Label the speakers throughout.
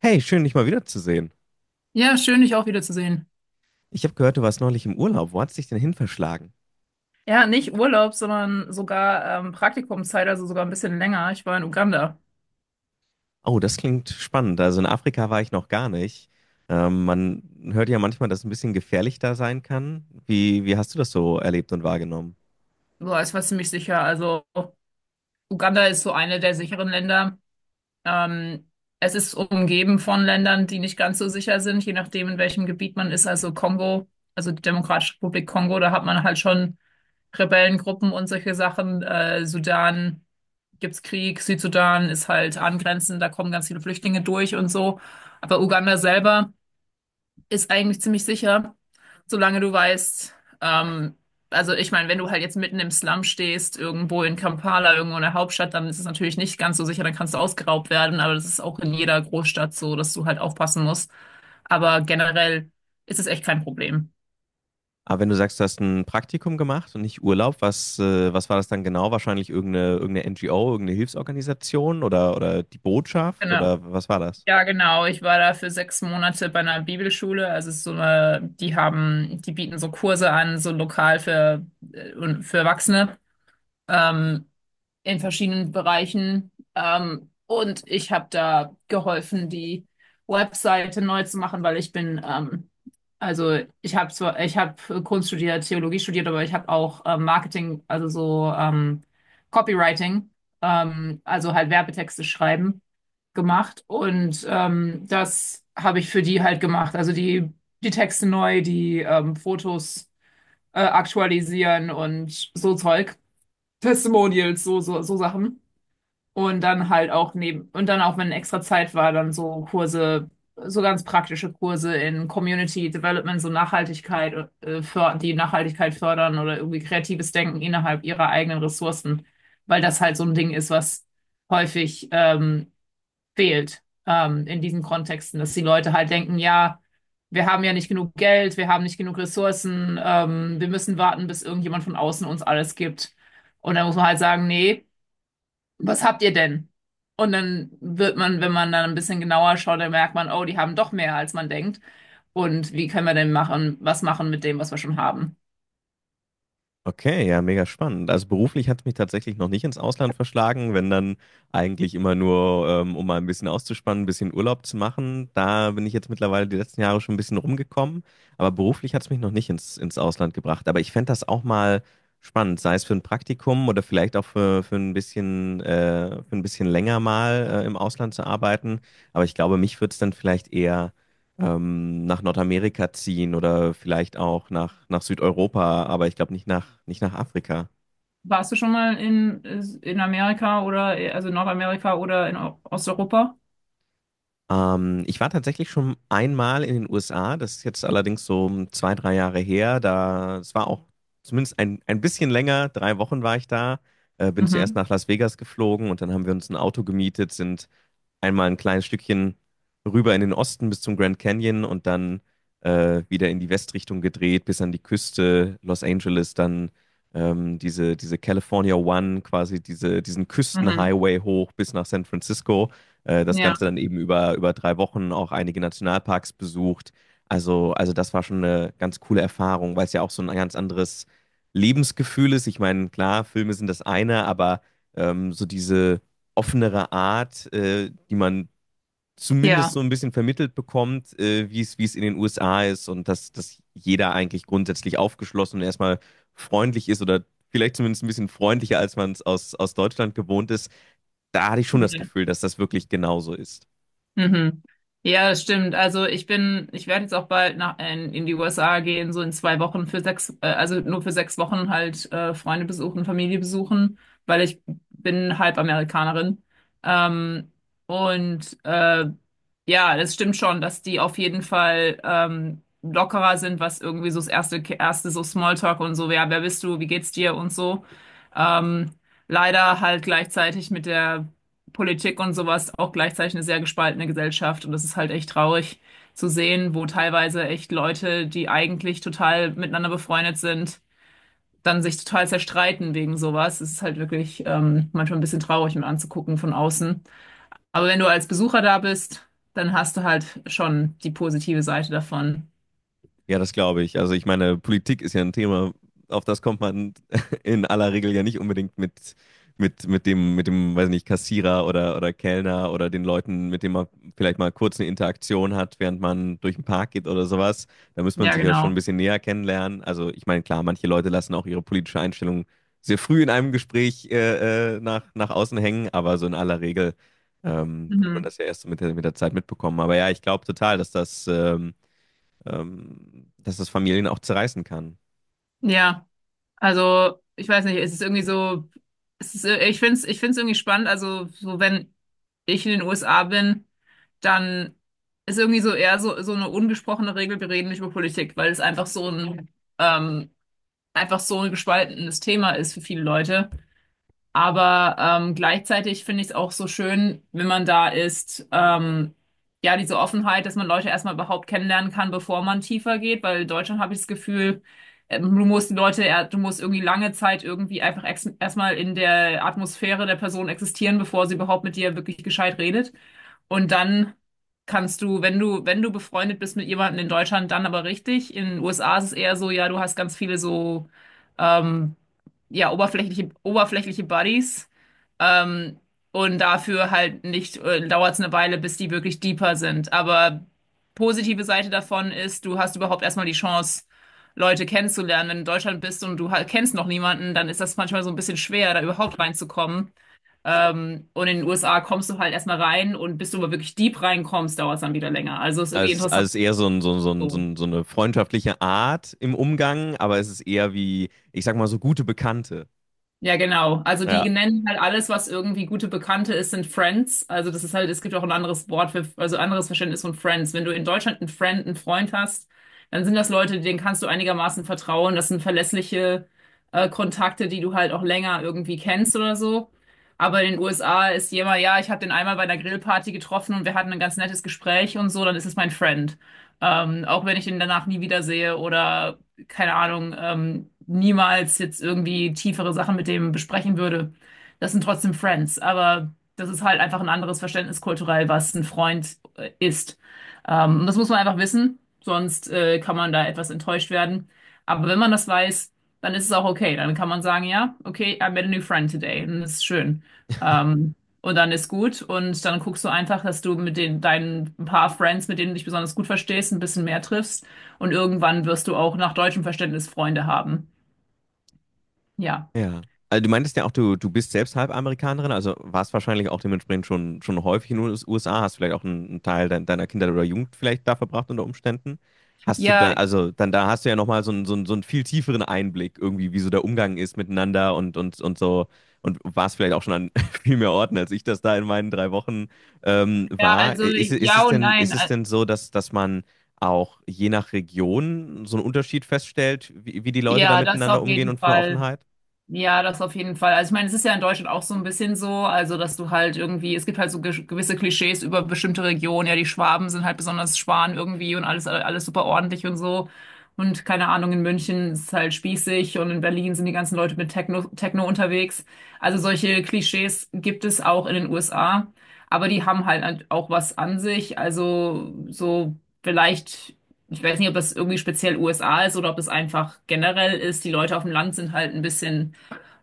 Speaker 1: Hey, schön, dich mal wiederzusehen.
Speaker 2: Ja, schön, dich auch wieder zu sehen.
Speaker 1: Ich habe gehört, du warst neulich im Urlaub. Wo hat's dich denn hin verschlagen?
Speaker 2: Ja, nicht Urlaub, sondern sogar Praktikumszeit, also sogar ein bisschen länger. Ich war in Uganda.
Speaker 1: Oh, das klingt spannend. Also in Afrika war ich noch gar nicht. Man hört ja manchmal, dass es ein bisschen gefährlich da sein kann. Wie hast du das so erlebt und wahrgenommen?
Speaker 2: Boah, ich war ziemlich sicher. Also Uganda ist so eine der sicheren Länder. Ähm, Es ist umgeben von Ländern, die nicht ganz so sicher sind, je nachdem, in welchem Gebiet man ist. Also Kongo, also die Demokratische Republik Kongo, da hat man halt schon Rebellengruppen und solche Sachen. Sudan gibt's Krieg, Südsudan ist halt angrenzend, da kommen ganz viele Flüchtlinge durch und so. Aber Uganda selber ist eigentlich ziemlich sicher, solange du weißt, ähm, also ich meine, wenn du halt jetzt mitten im Slum stehst, irgendwo in Kampala, irgendwo in der Hauptstadt, dann ist es natürlich nicht ganz so sicher, dann kannst du ausgeraubt werden, aber das ist auch in jeder Großstadt so, dass du halt aufpassen musst. Aber generell ist es echt kein Problem.
Speaker 1: Aber wenn du sagst, du hast ein Praktikum gemacht und nicht Urlaub, was, was war das dann genau? Wahrscheinlich irgendeine NGO, irgendeine Hilfsorganisation oder die Botschaft
Speaker 2: Genau.
Speaker 1: oder was war das?
Speaker 2: Ja, genau. Ich war da für 6 Monate bei einer Bibelschule. Also es ist so eine, die bieten so Kurse an, so lokal für, und für Erwachsene. Ähm, in verschiedenen Bereichen. Und ich habe da geholfen, die Webseite neu zu machen, weil also ich habe Kunst studiert, Theologie studiert, aber ich habe auch Marketing, also so Copywriting, also halt Werbetexte schreiben gemacht. Und das habe ich für die halt gemacht. Also die Texte neu, die Fotos aktualisieren und so Zeug. Testimonials, so Sachen. Und dann halt auch neben, und dann auch, wenn extra Zeit war, dann so Kurse, so ganz praktische Kurse in Community Development, so Nachhaltigkeit, die Nachhaltigkeit fördern oder irgendwie kreatives Denken innerhalb ihrer eigenen Ressourcen, weil das halt so ein Ding ist, was häufig fehlt in diesen Kontexten, dass die Leute halt denken, ja, wir haben ja nicht genug Geld, wir haben nicht genug Ressourcen, wir müssen warten, bis irgendjemand von außen uns alles gibt. Und dann muss man halt sagen, nee, was habt ihr denn? Und dann wird man, wenn man dann ein bisschen genauer schaut, dann merkt man, oh, die haben doch mehr, als man denkt. Und wie können wir denn machen, was machen mit dem, was wir schon haben?
Speaker 1: Okay, ja, mega spannend. Also beruflich hat es mich tatsächlich noch nicht ins Ausland verschlagen, wenn dann eigentlich immer nur, um mal ein bisschen auszuspannen, ein bisschen Urlaub zu machen. Da bin ich jetzt mittlerweile die letzten Jahre schon ein bisschen rumgekommen, aber beruflich hat es mich noch nicht ins Ausland gebracht. Aber ich fände das auch mal spannend, sei es für ein Praktikum oder vielleicht auch für ein bisschen länger mal, im Ausland zu arbeiten. Aber ich glaube, mich würde es dann vielleicht eher nach Nordamerika ziehen oder vielleicht auch nach, nach Südeuropa, aber ich glaube nicht nach, nicht nach Afrika.
Speaker 2: Warst du schon mal in Amerika oder, also in Nordamerika oder in Osteuropa?
Speaker 1: Ich war tatsächlich schon einmal in den USA, das ist jetzt allerdings so um zwei, 3 Jahre her. Da, es war auch zumindest ein bisschen länger, 3 Wochen war ich da. Bin zuerst
Speaker 2: Mhm.
Speaker 1: nach Las Vegas geflogen und dann haben wir uns ein Auto gemietet, sind einmal ein kleines Stückchen rüber in den Osten bis zum Grand Canyon und dann wieder in die Westrichtung gedreht, bis an die Küste Los Angeles, dann diese California 1, quasi diesen
Speaker 2: Mhm.
Speaker 1: Küstenhighway hoch bis nach San Francisco. Das
Speaker 2: ja,
Speaker 1: Ganze dann eben über 3 Wochen auch einige Nationalparks besucht. Also das war schon eine ganz coole Erfahrung, weil es ja auch so ein ganz anderes Lebensgefühl ist. Ich meine, klar, Filme sind das eine, aber so diese offenere Art, die man zumindest
Speaker 2: Ja.
Speaker 1: so ein bisschen vermittelt bekommt, wie es in den USA ist und dass, dass jeder eigentlich grundsätzlich aufgeschlossen und erstmal freundlich ist oder vielleicht zumindest ein bisschen freundlicher, als man es aus Deutschland gewohnt ist. Da hatte ich schon das
Speaker 2: Ja.
Speaker 1: Gefühl, dass das wirklich genauso ist.
Speaker 2: Mhm. Ja, das stimmt. Also ich werde jetzt auch bald nach in die USA gehen, so in 2 Wochen für sechs, also nur für 6 Wochen halt Freunde besuchen, Familie besuchen, weil ich bin halb Amerikanerin. Ähm, und äh, ja, das stimmt schon, dass die auf jeden Fall lockerer sind, was irgendwie so das erste so Smalltalk und so, ja, wer bist du, wie geht's dir und so. Ähm, Leider halt gleichzeitig mit der Politik und sowas auch gleichzeitig eine sehr gespaltene Gesellschaft. Und das ist halt echt traurig zu sehen, wo teilweise echt Leute, die eigentlich total miteinander befreundet sind, dann sich total zerstreiten wegen sowas. Es ist halt wirklich manchmal ein bisschen traurig, mir anzugucken von außen. Aber wenn du als Besucher da bist, dann hast du halt schon die positive Seite davon.
Speaker 1: Ja, das glaube ich. Also ich meine, Politik ist ja ein Thema, auf das kommt man in aller Regel ja nicht unbedingt mit, mit dem, weiß nicht, Kassierer oder Kellner oder den Leuten, mit denen man vielleicht mal kurz eine Interaktion hat, während man durch den Park geht oder sowas. Da muss man
Speaker 2: Ja,
Speaker 1: sich ja schon ein
Speaker 2: genau.
Speaker 1: bisschen näher kennenlernen. Also ich meine, klar, manche Leute lassen auch ihre politische Einstellung sehr früh in einem Gespräch nach außen hängen, aber so in aller Regel wird man
Speaker 2: Mhm.
Speaker 1: das ja erst so mit der Zeit mitbekommen. Aber ja, ich glaube total, dass das Familien auch zerreißen kann.
Speaker 2: Ja. Also, ich weiß nicht, es ist irgendwie so, ich find's irgendwie spannend. Also, so wenn ich in den USA bin, dann ist irgendwie so eher so eine ungesprochene Regel, wir reden nicht über Politik, weil es ähm, einfach so ein gespaltenes Thema ist für viele Leute. Aber gleichzeitig finde ich es auch so schön, wenn man da ist, ja, diese Offenheit, dass man Leute erstmal überhaupt kennenlernen kann, bevor man tiefer geht, weil in Deutschland habe ich das Gefühl, du musst du musst irgendwie lange Zeit irgendwie einfach erstmal in der Atmosphäre der Person existieren, bevor sie überhaupt mit dir wirklich gescheit redet. Und dann kannst du, wenn du befreundet bist mit jemandem in Deutschland, dann aber richtig. In den USA ist es eher so, ja, du hast ganz viele so, ähm, ja, oberflächliche Buddies. Ähm, und dafür halt nicht, dauert es eine Weile, bis die wirklich deeper sind. Aber positive Seite davon ist, du hast überhaupt erstmal die Chance, Leute kennenzulernen. Wenn du in Deutschland bist und du halt kennst noch niemanden, dann ist das manchmal so ein bisschen schwer, da überhaupt reinzukommen. Und in den USA kommst du halt erstmal rein und bis du aber wirklich deep reinkommst, dauert es dann wieder länger. Also ist irgendwie
Speaker 1: Also
Speaker 2: interessant.
Speaker 1: als eher so, ein, so, ein- so, ein- so,
Speaker 2: So.
Speaker 1: ein- so eine freundschaftliche Art im Umgang, aber es ist eher wie, ich sag mal, so gute Bekannte.
Speaker 2: Ja, genau. Also die
Speaker 1: Ja.
Speaker 2: nennen halt alles, was irgendwie gute Bekannte ist, sind Friends. Also das ist halt, es gibt auch ein anderes Wort für, also anderes Verständnis von Friends. Wenn du in Deutschland einen Friend, einen Freund hast, dann sind das Leute, denen kannst du einigermaßen vertrauen. Das sind verlässliche Kontakte, die du halt auch länger irgendwie kennst oder so. Aber in den USA ist jemand, ja, ich habe den einmal bei einer Grillparty getroffen und wir hatten ein ganz nettes Gespräch und so, dann ist es mein Friend. Auch wenn ich ihn danach nie wiedersehe oder keine Ahnung, niemals jetzt irgendwie tiefere Sachen mit dem besprechen würde. Das sind trotzdem Friends, aber das ist halt einfach ein anderes Verständnis kulturell, was ein Freund ist. Und das muss man einfach wissen, sonst kann man da etwas enttäuscht werden. Aber wenn man das weiß, dann ist es auch okay. Dann kann man sagen, ja, okay, I met a new friend today. Und das ist schön. Ähm, und dann ist gut. Und dann guckst du einfach, dass du mit den, deinen paar Friends, mit denen du dich besonders gut verstehst, ein bisschen mehr triffst und irgendwann wirst du auch nach deutschem Verständnis Freunde haben. Ja.
Speaker 1: Ja. Also du meintest ja auch, du bist selbst halb Amerikanerin, also warst wahrscheinlich auch dementsprechend schon häufig in den USA, hast vielleicht auch einen Teil deiner Kindheit oder Jugend vielleicht da verbracht unter Umständen. Hast du
Speaker 2: Ja,
Speaker 1: dann, also dann da hast du ja nochmal so einen viel tieferen Einblick irgendwie, wie so der Umgang ist miteinander und so und warst vielleicht auch schon an viel mehr Orten, als ich das da in meinen 3 Wochen
Speaker 2: ja,
Speaker 1: war.
Speaker 2: also ja und nein.
Speaker 1: Ist es denn so, dass, dass man auch je nach Region so einen Unterschied feststellt, wie, wie die Leute da
Speaker 2: Ja, das
Speaker 1: miteinander
Speaker 2: auf
Speaker 1: umgehen und
Speaker 2: jeden
Speaker 1: von der
Speaker 2: Fall.
Speaker 1: Offenheit?
Speaker 2: Ja, das auf jeden Fall. Also ich meine, es ist ja in Deutschland auch so ein bisschen so, also dass du halt irgendwie, es gibt halt so gewisse Klischees über bestimmte Regionen, ja, die Schwaben sind halt besonders Schwan irgendwie und alles, alles super ordentlich und so. Und keine Ahnung, in München ist es halt spießig und in Berlin sind die ganzen Leute mit Techno, Techno unterwegs. Also solche Klischees gibt es auch in den USA, aber die haben halt auch was an sich. Also so vielleicht ich weiß nicht, ob das irgendwie speziell USA ist oder ob es einfach generell ist. Die Leute auf dem Land sind halt ein bisschen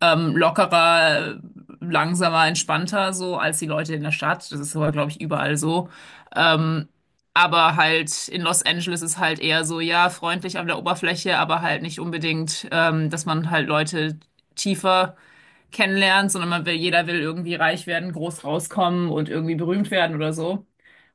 Speaker 2: lockerer, langsamer, entspannter so als die Leute in der Stadt. Das ist aber, glaube ich, überall so. Ähm, aber halt in Los Angeles ist halt eher so, ja, freundlich an der Oberfläche, aber halt nicht unbedingt, dass man halt Leute tiefer kennenlernt, sondern man will, jeder will irgendwie reich werden, groß rauskommen und irgendwie berühmt werden oder so.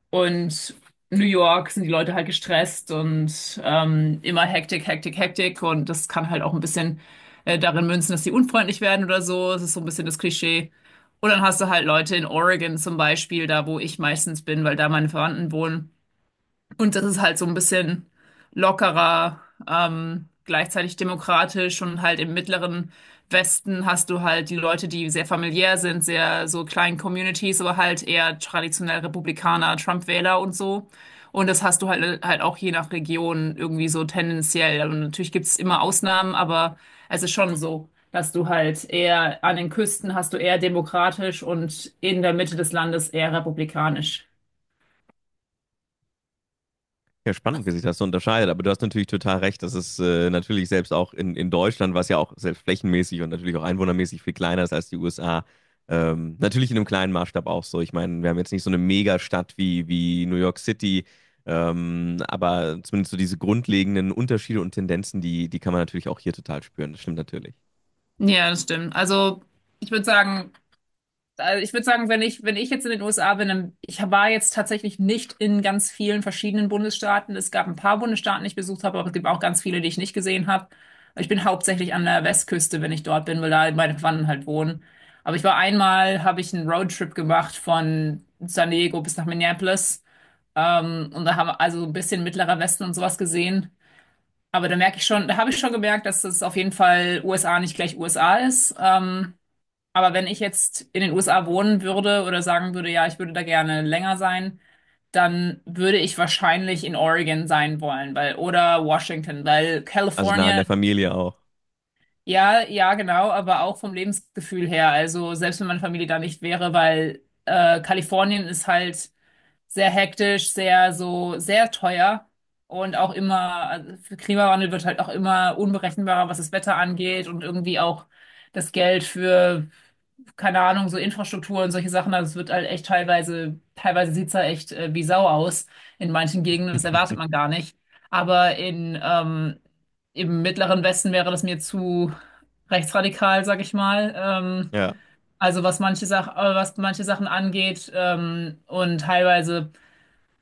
Speaker 2: Und in New York sind die Leute halt gestresst und immer Hektik, Hektik, Hektik. Und das kann halt auch ein bisschen darin münzen, dass die unfreundlich werden oder so. Das ist so ein bisschen das Klischee. Und dann hast du halt Leute in Oregon zum Beispiel, da wo ich meistens bin, weil da meine Verwandten wohnen. Und das ist halt so ein bisschen lockerer, gleichzeitig demokratisch und halt im mittleren Westen hast du halt die Leute, die sehr familiär sind, sehr so kleinen Communities, aber halt eher traditionell Republikaner, Trump-Wähler und so. Und das hast du halt auch je nach Region irgendwie so tendenziell. Und natürlich gibt's immer Ausnahmen, aber es ist schon so, dass du halt eher an den Küsten hast du eher demokratisch und in der Mitte des Landes eher republikanisch.
Speaker 1: Ja, spannend, wie sich das so unterscheidet. Aber du hast natürlich total recht, dass es natürlich selbst auch in Deutschland, was ja auch selbst flächenmäßig und natürlich auch einwohnermäßig viel kleiner ist als die USA, natürlich in einem kleinen Maßstab auch so. Ich meine, wir haben jetzt nicht so eine Megastadt wie New York City, aber zumindest so diese grundlegenden Unterschiede und Tendenzen, die kann man natürlich auch hier total spüren. Das stimmt natürlich.
Speaker 2: Ja, das stimmt. Ich würde sagen, also ich würde sagen, wenn ich jetzt in den USA bin, dann, ich war jetzt tatsächlich nicht in ganz vielen verschiedenen Bundesstaaten. Es gab ein paar Bundesstaaten, die ich besucht habe, aber es gibt auch ganz viele, die ich nicht gesehen habe. Ich bin hauptsächlich an der Westküste, wenn ich dort bin, weil da meine Verwandten halt wohnen. Aber ich war einmal, habe ich einen Roadtrip gemacht von San Diego bis nach Minneapolis. Und da haben wir also ein bisschen Mittlerer Westen und sowas gesehen. Aber da merke ich schon, da habe ich schon gemerkt, dass das auf jeden Fall USA nicht gleich USA ist. Aber wenn ich jetzt in den USA wohnen würde oder sagen würde, ja, ich würde da gerne länger sein, dann würde ich wahrscheinlich in Oregon sein wollen, weil oder Washington, weil
Speaker 1: Also nah an
Speaker 2: California,
Speaker 1: der Familie auch.
Speaker 2: ja, ja, genau, aber auch vom Lebensgefühl her. Also selbst wenn meine Familie da nicht wäre, weil Kalifornien ist halt sehr hektisch, sehr so, sehr teuer und auch immer, also für Klimawandel wird halt auch immer unberechenbarer, was das Wetter angeht und irgendwie auch das Geld für, keine Ahnung, so Infrastruktur und solche Sachen. Also es wird halt echt teilweise sieht's da echt wie Sau aus in manchen Gegenden. Das erwartet man gar nicht. Aber im Mittleren Westen wäre das mir zu rechtsradikal, sag ich mal.
Speaker 1: Ja,
Speaker 2: Also was manche Sachen angeht und teilweise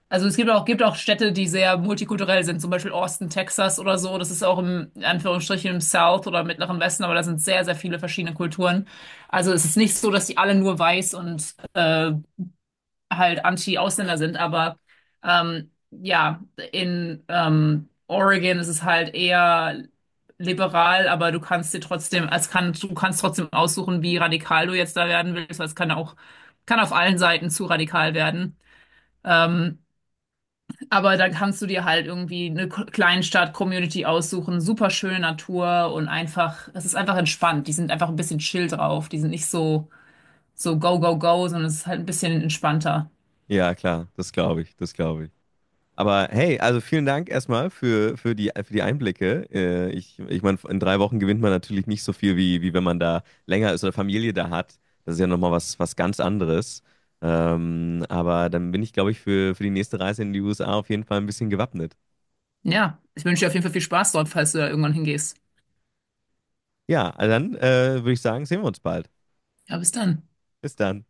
Speaker 2: also es gibt auch Städte, die sehr multikulturell sind, zum Beispiel Austin, Texas oder so. Das ist auch im, in Anführungsstrichen, im South oder Mittleren Westen, aber da sind sehr, sehr viele verschiedene Kulturen. Also es ist nicht so, dass die alle nur weiß und halt Anti-Ausländer sind, aber ja, in Oregon ist es halt eher liberal, aber du kannst dir trotzdem, es kann, du kannst trotzdem aussuchen, wie radikal du jetzt da werden willst, weil es kann auch, kann auf allen Seiten zu radikal werden. Ähm, aber da kannst du dir halt irgendwie eine Kleinstadt-Community aussuchen, super schöne Natur und einfach, es ist einfach entspannt. Die sind einfach ein bisschen chill drauf. Die sind nicht so, so go, go, go, sondern es ist halt ein bisschen entspannter.
Speaker 1: ja, klar, das glaube ich, das glaube ich. Aber hey, also vielen Dank erstmal für, für die Einblicke. Ich meine, in 3 Wochen gewinnt man natürlich nicht so viel, wie wenn man da länger ist oder Familie da hat. Das ist ja nochmal was, was ganz anderes. Aber dann bin ich, glaube ich, für die nächste Reise in die USA auf jeden Fall ein bisschen gewappnet.
Speaker 2: Ja, ich wünsche dir auf jeden Fall viel Spaß dort, falls du da irgendwann hingehst.
Speaker 1: Ja, also dann würde ich sagen, sehen wir uns bald.
Speaker 2: Ja, bis dann.
Speaker 1: Bis dann.